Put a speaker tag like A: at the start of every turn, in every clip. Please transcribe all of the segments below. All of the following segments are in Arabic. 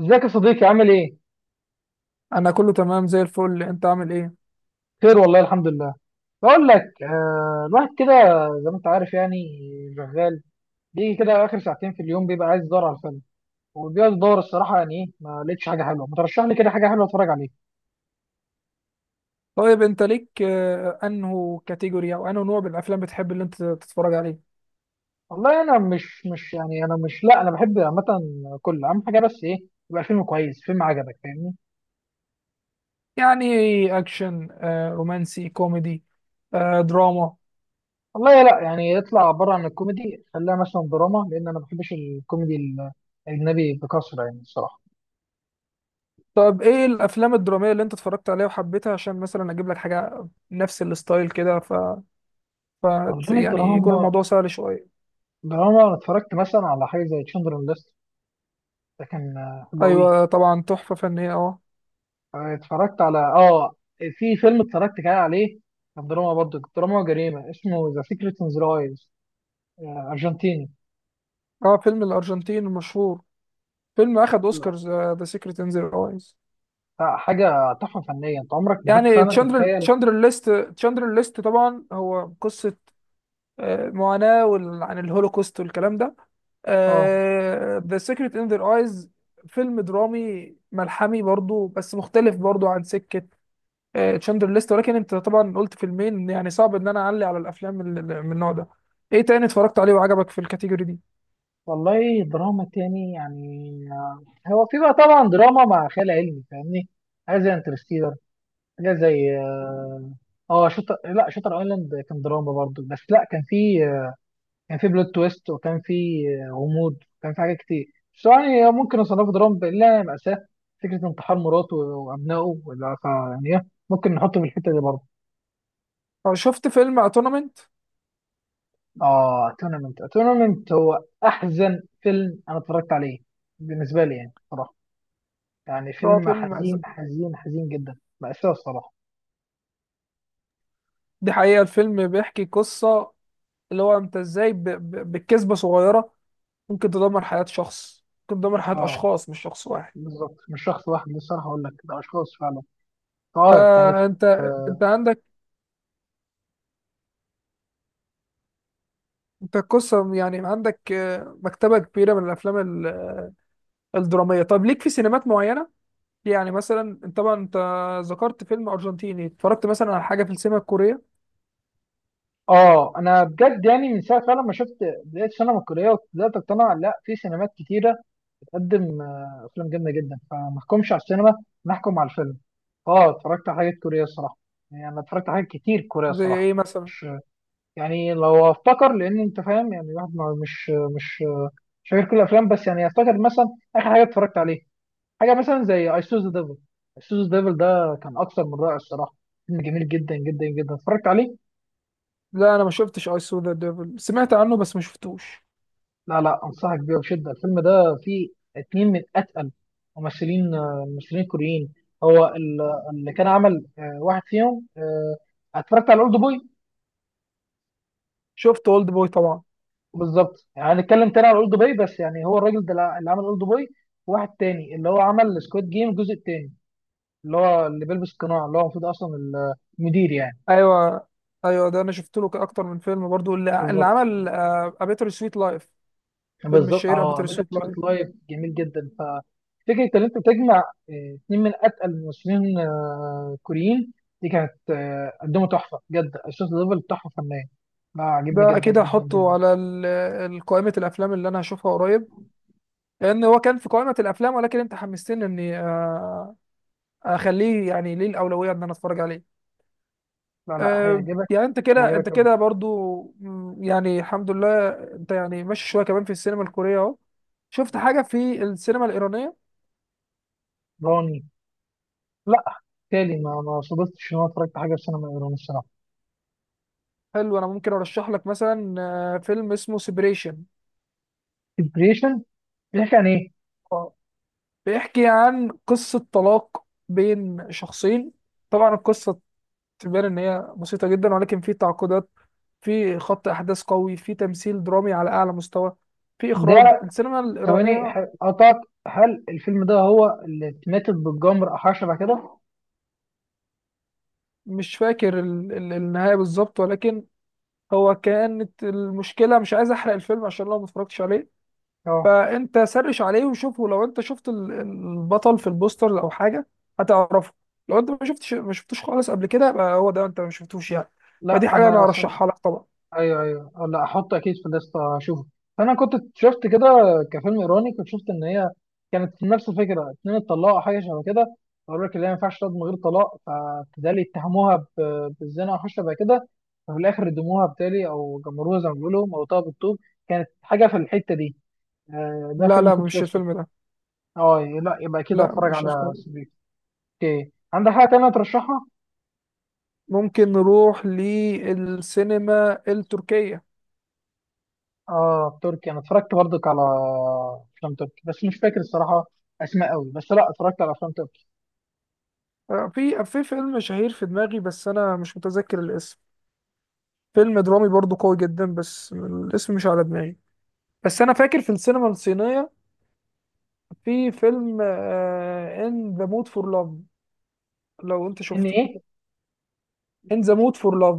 A: ازيك يا صديقي، عامل ايه؟
B: انا كله تمام زي الفل. انت عامل ايه؟
A: خير، والله الحمد لله. بقول لك الواحد كده، زي ما انت عارف، يعني شغال. بيجي كده اخر ساعتين في اليوم بيبقى عايز يدور على فيلم، وبيقعد يدور الصراحه. يعني ايه، ما لقيتش حاجه حلوه؟ ما ترشح لي كده حاجه حلوه اتفرج عليها؟
B: طيب، انت ليك انه كاتيجوري او انه نوع من الافلام بتحب اللي انت تتفرج عليه؟
A: والله انا مش يعني انا مش، لا انا بحب عامه كل. اهم حاجه بس ايه؟ يبقى الفيلم كويس، فيلم عجبك، فاهمني.
B: يعني اكشن، رومانسي، كوميدي، دراما؟
A: والله لا، يعني اطلع بره عن الكوميدي، خليها مثلا دراما، لان انا ما بحبش الكوميدي الاجنبي بكثره يعني الصراحه.
B: طب ايه الافلام الدراميه اللي انت اتفرجت عليها وحبيتها عشان مثلا اجيب لك حاجه نفس الستايل كده ف... ف
A: والله
B: يعني يكون
A: الدراما،
B: الموضوع سهل شويه.
A: ده انا اتفرجت مثلا على حاجه زي تشندرن ليست. ده كان حلو قوي.
B: ايوه طبعا، تحفه فنيه، اه.
A: اتفرجت على في فيلم اتفرجت كده عليه، كان دراما، برضه دراما وجريمه، اسمه ذا سيكريت ان ذا ايز، ارجنتيني.
B: اه، فيلم الارجنتين المشهور، فيلم اخد
A: لا،
B: اوسكارز، ذا سيكريت ان ذا.
A: لا، حاجه تحفه فنيه، انت عمرك ما كنت
B: يعني
A: فعلا تتخيل.
B: تشاندر ليست، تشاندر ليست طبعا، هو قصة معاناة عن الهولوكوست والكلام ده.
A: اه.
B: The Secret in Their Eyes، فيلم درامي ملحمي برضو، بس مختلف برضو عن سكة تشاندر ليست. ولكن انت طبعا قلت فيلمين، يعني صعب ان انا اعلي على الافلام من النوع ده. ايه تاني اتفرجت عليه وعجبك في الكاتيجوري دي؟
A: والله دراما تاني، يعني هو في بقى طبعا دراما مع خيال علمي، فاهمني. حاجه زي انترستيلر، حاجه زي اه شطر، لا شطر ايلاند. كان دراما برضه، بس لا كان في كان في بلوت تويست، وكان في غموض، وكان في حاجات كتير. بس يعني ممكن اصنفه دراما الا مأساة، فكرة انتحار مراته وابنائه، ولا يعني ايه، ممكن نحطه في الحتة دي برضه.
B: شفت فيلم اتونمنت؟
A: اه تورنمنت، تورنمنت هو احزن فيلم انا اتفرجت عليه بالنسبة لي يعني، صراحة يعني
B: هو
A: فيلم
B: فيلم مأزق.
A: حزين حزين حزين جدا، مأساة الصراحة.
B: دي حقيقة. الفيلم بيحكي قصة، اللي هو انت ازاي بكذبة صغيرة ممكن تدمر حياة شخص، ممكن تدمر حياة
A: اه
B: أشخاص مش شخص واحد.
A: بالظبط، مش شخص واحد، للصراحة اقول لك ده اشخاص فعلا. اه كانت.
B: فأنت، عندك، أنت قصة يعني، عندك مكتبة كبيرة من الأفلام ال- الدرامية. طب ليك في سينمات معينة؟ يعني مثلا أنت طبعا، ذكرت فيلم أرجنتيني، اتفرجت مثلا على حاجة في السينما الكورية؟
A: اه انا بجد يعني من ساعه فعلا ما شفت بدايه السينما الكوريه وبدات اقتنع، لا في سينمات كتيره بتقدم افلام جامده جدا، فما احكمش على السينما، نحكم على الفيلم. اه اتفرجت على حاجات كوريه الصراحه، يعني انا اتفرجت على حاجات كتير كوريه
B: زي
A: الصراحه.
B: إيه مثلا؟
A: مش يعني، لو افتكر لان انت فاهم يعني الواحد مش مش فاكر كل الافلام، بس يعني افتكر مثلا اخر حاجه اتفرجت عليه، حاجه مثلا زي اي سوز ذا ديفل. اي سوز ذا ديفل ده كان اكثر من رائع الصراحه، فيلم جميل جدا جدا جدا اتفرجت عليه.
B: لا، أنا ما شفتش أي سو ذا ديفل، سمعت عنه بس ما شفتوش.
A: لا لا، انصحك بيه بشده. الفيلم ده فيه اتنين من اتقل ممثلين، ممثلين كوريين. هو اللي كان عمل واحد فيهم اتفرجت على اولد بوي.
B: شفت أولد بوي طبعا.
A: بالظبط، يعني هنتكلم تاني على اولد بوي، بس يعني هو الراجل ده اللي عمل اولد بوي، وواحد تاني اللي هو عمل سكواد جيم الجزء التاني، اللي هو اللي بيلبس قناع، اللي هو المفروض اصلا المدير يعني.
B: أيوه، أيوه، ده أنا شفت له أكتر من فيلم برضو، اللي
A: بالظبط،
B: عمل أبيتر سويت لايف، فيلم
A: بالظبط
B: الشهير
A: اه.
B: أبيتر
A: ميتا
B: سويت
A: سويت
B: لايف.
A: لايف جميل جدا. ففكره ان انت تجمع اتنين من اتقل الممثلين، كوريين، دي كانت قدموا تحفه بجد. الشوت ليفل تحفه فنيه، لا عجبني
B: ده
A: جدا
B: اكيد
A: جدا
B: هحطه
A: جدا.
B: على قائمة الافلام اللي انا هشوفها قريب، لان هو كان في قائمة الافلام، ولكن انت حمستني اني اخليه يعني ليه الاولوية ان انا اتفرج عليه.
A: لا لا، هيعجبك.
B: يعني انت كده انت
A: هيعجبك قوي.
B: كده برضو. يعني الحمد لله، انت يعني ماشي شوية كمان في السينما الكورية اهو. شفت حاجة في السينما الإيرانية؟
A: راني؟ لا. تالي ما صدفتش ان انا اتفرجت على حاجه في سينما ايران الصراحه.
B: حلو، أنا ممكن أرشح لك مثلا فيلم اسمه سيبريشن.
A: ديبريشن؟ بيحكي عن ايه؟
B: بيحكي عن قصة طلاق بين شخصين. طبعا القصة تبان ان هي بسيطه جدا، ولكن في تعقيدات، في خط احداث قوي، في تمثيل درامي على اعلى مستوى، في اخراج
A: ده
B: السينما
A: ثواني
B: الايرانيه.
A: قطعت. هل الفيلم ده هو اللي اتماتت بالجمر او حاجه شبه كده؟
B: مش فاكر النهايه بالظبط، ولكن هو كانت المشكله مش عايز احرق الفيلم، عشان لو ما اتفرجتش عليه.
A: اه
B: فانت سرش عليه وشوفه. لو انت شفت البطل في البوستر او حاجه، هتعرفه. لو انت ما شفتوش خالص قبل كده، يبقى هو ده انت ما شفتوش يعني.
A: لا
B: فدي حاجه انا
A: انا.
B: ارشحها لك طبعا.
A: ايوه ايوه لا احط اكيد في الليسته اشوفه. فانا كنت شفت كده كفيلم ايراني، كنت شفت ان هي كانت في نفس الفكره، اتنين اتطلقوا أو حاجه شبه كده. قالوا لك اللي هي ما ينفعش تقعد من غير طلاق، فبالتالي اتهموها بالزنا او حاجه شبه كده، ففي الاخر ردموها بالتالي او جمروها، زي ما بيقولوا موتوها بالطوب. كانت حاجه في الحته دي، ده
B: لا،
A: فيلم
B: لا،
A: كنت
B: مش
A: شفته.
B: الفيلم ده.
A: اه لا، يبقى اكيد
B: لا،
A: هتفرج
B: مش
A: على
B: الفيلم.
A: سبيك. اوكي، عندك حاجه تانيه ترشحها؟
B: ممكن نروح للسينما التركية.
A: اه تركي، انا اتفرجت برضك على افلام تركي، بس مش فاكر الصراحه اسماء قوي، بس لا اتفرجت على افلام تركي.
B: في فيلم شهير في دماغي، بس أنا مش متذكر الاسم. فيلم درامي برضو قوي جدا، بس الاسم مش على دماغي. بس أنا فاكر في السينما الصينية في فيلم إن ذا مود فور لاف، لو أنت
A: ان
B: شفته.
A: ايه؟
B: إن ذا مود فور لاف.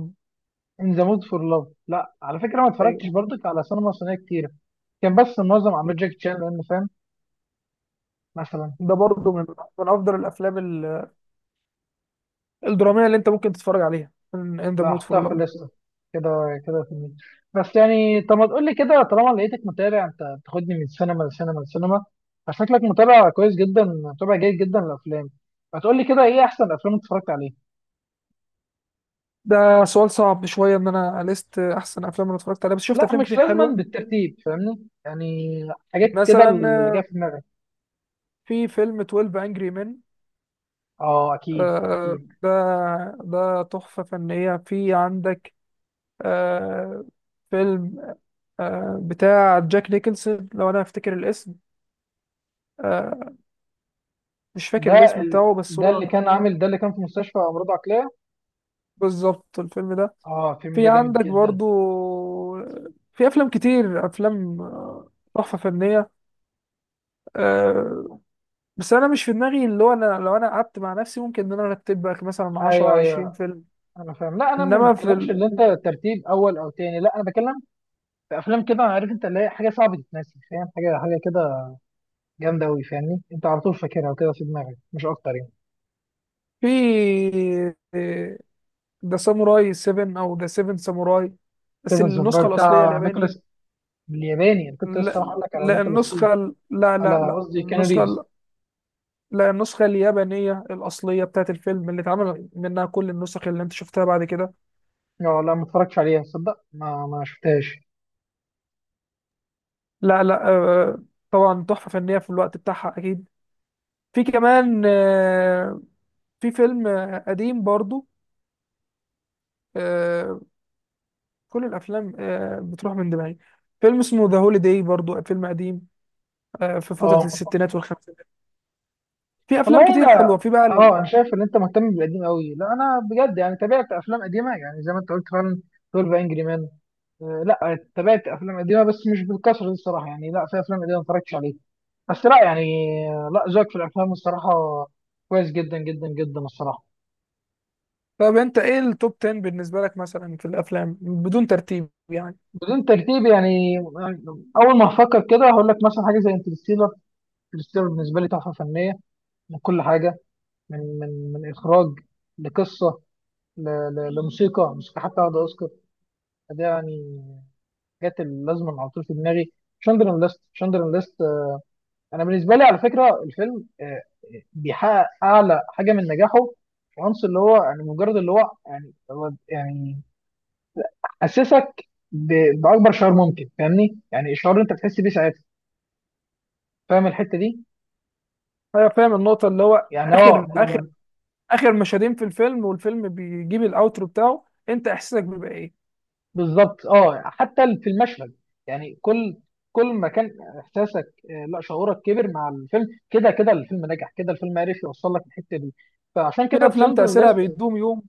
A: ان ذا مود فور لاف. لا على فكره، ما اتفرجتش
B: أيوه،
A: برضك على سينما صينيه كتير، كان بس معظم اعمال جاكي تشان، لان فاهم مثلا.
B: ده برضو من أفضل الأفلام الدرامية اللي أنت ممكن تتفرج عليها، إن ذا
A: لا،
B: مود فور
A: احطها في
B: لاف.
A: الليسته كده كده في المية. بس يعني طب، ما تقول لي كده، طالما لقيتك متابع، انت بتاخدني من سينما لسينما لسينما، فشكلك متابع كويس جدا، متابع جيد جدا للافلام، فتقول لي كده ايه احسن افلام اتفرجت عليها؟
B: ده سؤال صعب شوية، إن أنا لست أحسن أفلام أنا اتفرجت عليها، بس شفت
A: لا
B: أفلام
A: مش
B: كتير
A: لازما
B: حلوة.
A: بالترتيب، فاهمني، يعني حاجات كده
B: مثلا
A: اللي جايه في دماغي.
B: في فيلم 12 انجري مان.
A: اه اكيد،
B: آه
A: اكيد.
B: ده ده تحفة فنية. في عندك آه فيلم بتاع جاك نيكلسون، لو انا افتكر الاسم. آه مش فاكر
A: ده
B: الاسم بتاعه بس
A: ده
B: هو.
A: اللي كان عامل، ده اللي كان في مستشفى امراض عقليه.
B: بالظبط، الفيلم ده.
A: اه الفيلم
B: في
A: ده جامد
B: عندك
A: جدا.
B: برضو في افلام كتير، افلام تحفة فنية. آه بس انا مش في دماغي، اللي هو انا لو انا قعدت مع نفسي ممكن ان انا ارتب لك مثلا
A: ايوه،
B: 10 20
A: ايوه
B: فيلم.
A: انا فاهم، لا انا ما
B: انما في
A: بتكلمش اللي انت ترتيب اول او تاني، لا انا بتكلم في افلام كده، عارف انت اللي هي حاجه صعبه تتنسي، فاهم، حاجه حاجه كده جامده قوي، فاهمني، انت على طول فاكرها وكده في دماغك، مش اكتر يعني.
B: في آه، ده ساموراي 7، او ده 7 ساموراي بس
A: فيلم الزفراء
B: النسخه الاصليه
A: بتاع
B: الياباني.
A: نيكولاس الياباني. انا كنت لسه
B: لا،
A: هقول لك على
B: لا،
A: نيكولاس كيج،
B: النسخه لا، لا،
A: على
B: لا،
A: قصدي كان
B: النسخه
A: ريفز.
B: لا، النسخه اليابانيه الاصليه بتاعت الفيلم اللي اتعمل منها كل النسخ اللي انت شفتها بعد كده.
A: اه لا ما اتفرجتش عليها تصدق، ما شفتهاش.
B: لا، لا، طبعا تحفه فنيه في الوقت بتاعها اكيد. في كمان في فيلم قديم برضو. آه، كل الافلام بتروح من دماغي. فيلم اسمه ذا هوليداي برضو فيلم قديم، في فتره
A: اه
B: الستينات والخمسينات. في
A: والله
B: افلام كتير
A: انا،
B: حلوه، في بقى.
A: اه انا شايف ان انت مهتم بالقديم قوي. لا انا بجد يعني تابعت افلام قديمه، يعني زي ما انت قلت فعلا، 12 انجري مان. لا تابعت افلام قديمه بس مش بالكثره دي الصراحه، يعني لا في افلام قديمه ما اتفرجتش عليها، بس لا يعني لا ذوقك في الافلام الصراحه كويس جدا جدا جدا الصراحه.
B: طب انت ايه التوب 10 بالنسبه لك مثلا في الافلام، بدون ترتيب يعني؟
A: بدون ترتيب يعني اول ما افكر كده هقول لك مثلا حاجه زي انترستيلر. انترستيلر بالنسبه لي تحفه فنيه من كل حاجه، من اخراج، لقصه، ل- لموسيقى، موسيقى حتى واخده اوسكار. فده يعني جت اللازمه على طول في دماغي. شندرن ليست، شندرن ليست. انا بالنسبه لي على فكره الفيلم بيحقق اعلى حاجه من نجاحه. العنصر اللي هو يعني، مجرد اللي هو يعني، هو يعني اسسك باكبر شعور ممكن، فاهمني، يعني الشعور اللي انت بتحس بيه ساعتها، فاهم الحته دي.
B: انا فاهم النقطه، اللي هو
A: يعني هو
B: اخر اخر
A: لما،
B: اخر مشهدين في الفيلم والفيلم بيجيب الاوترو بتاعه، انت احساسك بيبقى ايه؟
A: بالظبط اه، حتى في المشهد. يعني كل ما كان احساسك، لا شعورك، كبر مع الفيلم، كده كده الفيلم نجح، كده الفيلم عرف يوصل لك الحته دي، فعشان
B: في
A: كده
B: افلام
A: تشاندلر
B: تاثيرها
A: ليست.
B: بيدوم يوم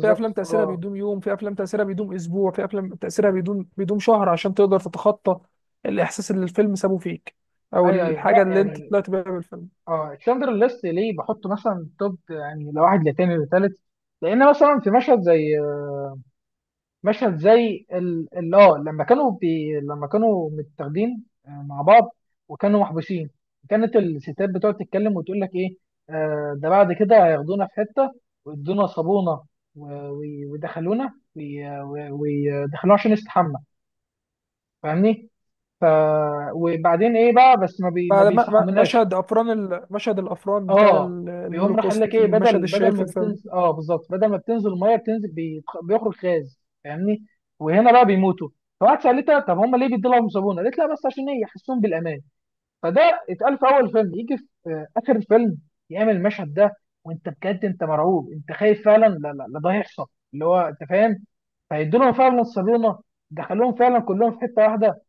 B: في افلام تاثيرها
A: اه.
B: بيدوم يوم، في افلام تاثيرها بيدوم اسبوع، في افلام تاثيرها بيدوم شهر، عشان تقدر تتخطى الاحساس اللي الفيلم سابه فيك، او
A: ايوه ايوه،
B: الحاجه
A: لا
B: اللي انت
A: يعني،
B: طلعت بيها بالفيلم.
A: اه تشاندلر ليست ليه بحطه مثلا توب، يعني لواحد لتاني لتالت، لان مثلا في مشهد زي مشهد زي اه، لما كانوا لما كانوا متاخدين مع بعض وكانوا محبوسين، كانت الستات بتقعد تتكلم وتقول لك ايه. آه ده بعد كده هياخدونا في حته ويدونا صابونه، ويدخلونا، ويدخلونا عشان نستحمى، فاهمني. ف وبعدين ايه بقى، بس ما بيستحملناش.
B: مشهد الافران بتاع
A: اه بيقوم راح قال
B: الهولوكوست،
A: لك ايه،
B: المشهد
A: بدل
B: الشهير في
A: ما
B: الفيلم.
A: بتنزل، اه بالظبط، بدل ما بتنزل الميه بتنزل بيخرج غاز، فاهمني، وهنا بقى بيموتوا. فواحد سالتها طب هم ليه بيدوا لهم صابونه، قالت لا بس عشان ايه، يحسون بالامان. فده اتقال في اول فيلم، يجي في اخر الفيلم يعمل المشهد ده، وانت بجد انت مرعوب، انت خايف فعلا، لا لا لا ده هيحصل، اللي هو انت فاهم. فيدوا لهم فعلا الصابونه، دخلوهم فعلا كلهم في حته واحده،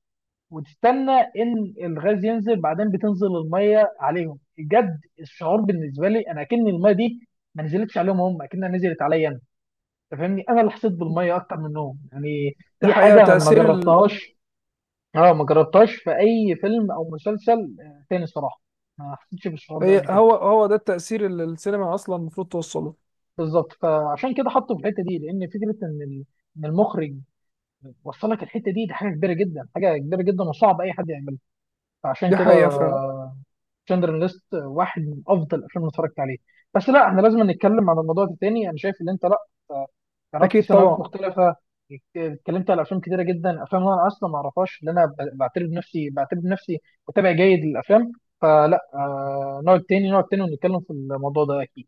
A: وتستنى ان الغاز ينزل، بعدين بتنزل الميه عليهم. بجد الشعور بالنسبه لي، انا اكن الميه دي ما نزلتش عليهم هم، اكنها نزلت عليا انا، انت فاهمني، انا اللي حسيت بالميه اكتر منهم. يعني
B: دي
A: دي
B: حقيقة
A: حاجه أنا ما
B: تأثير.
A: جربتهاش. اه، ما جربتهاش في اي فيلم او مسلسل تاني صراحه، ما حسيتش بالشعور ده
B: هي
A: قبل كده.
B: هو هو ده التأثير اللي السينما أصلا المفروض توصله.
A: بالظبط، فعشان كده حطه في الحته دي، لان فكره ان ان المخرج وصلك الحته دي، دي حاجه كبيره جدا، حاجه كبيره جدا، وصعب اي حد يعملها. فعشان
B: دي
A: كده
B: حقيقة فعلا.
A: شندلر ليست واحد من افضل الافلام اللي اتفرجت عليه. بس لا، احنا لازم نتكلم عن الموضوع ده تاني، انا شايف ان انت لا آه، جربت
B: أكيد
A: سيناريوهات
B: طبعا.
A: مختلفه، اتكلمت على افلام كتيره جدا، افلام انا اصلا ما اعرفهاش، اللي انا بعتبر نفسي، متابع جيد للافلام. فلا نقعد تاني ونتكلم في الموضوع ده اكيد.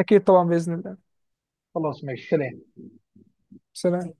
B: أكيد طبعا، بإذن الله.
A: خلاص ماشي، سلام.
B: سلام.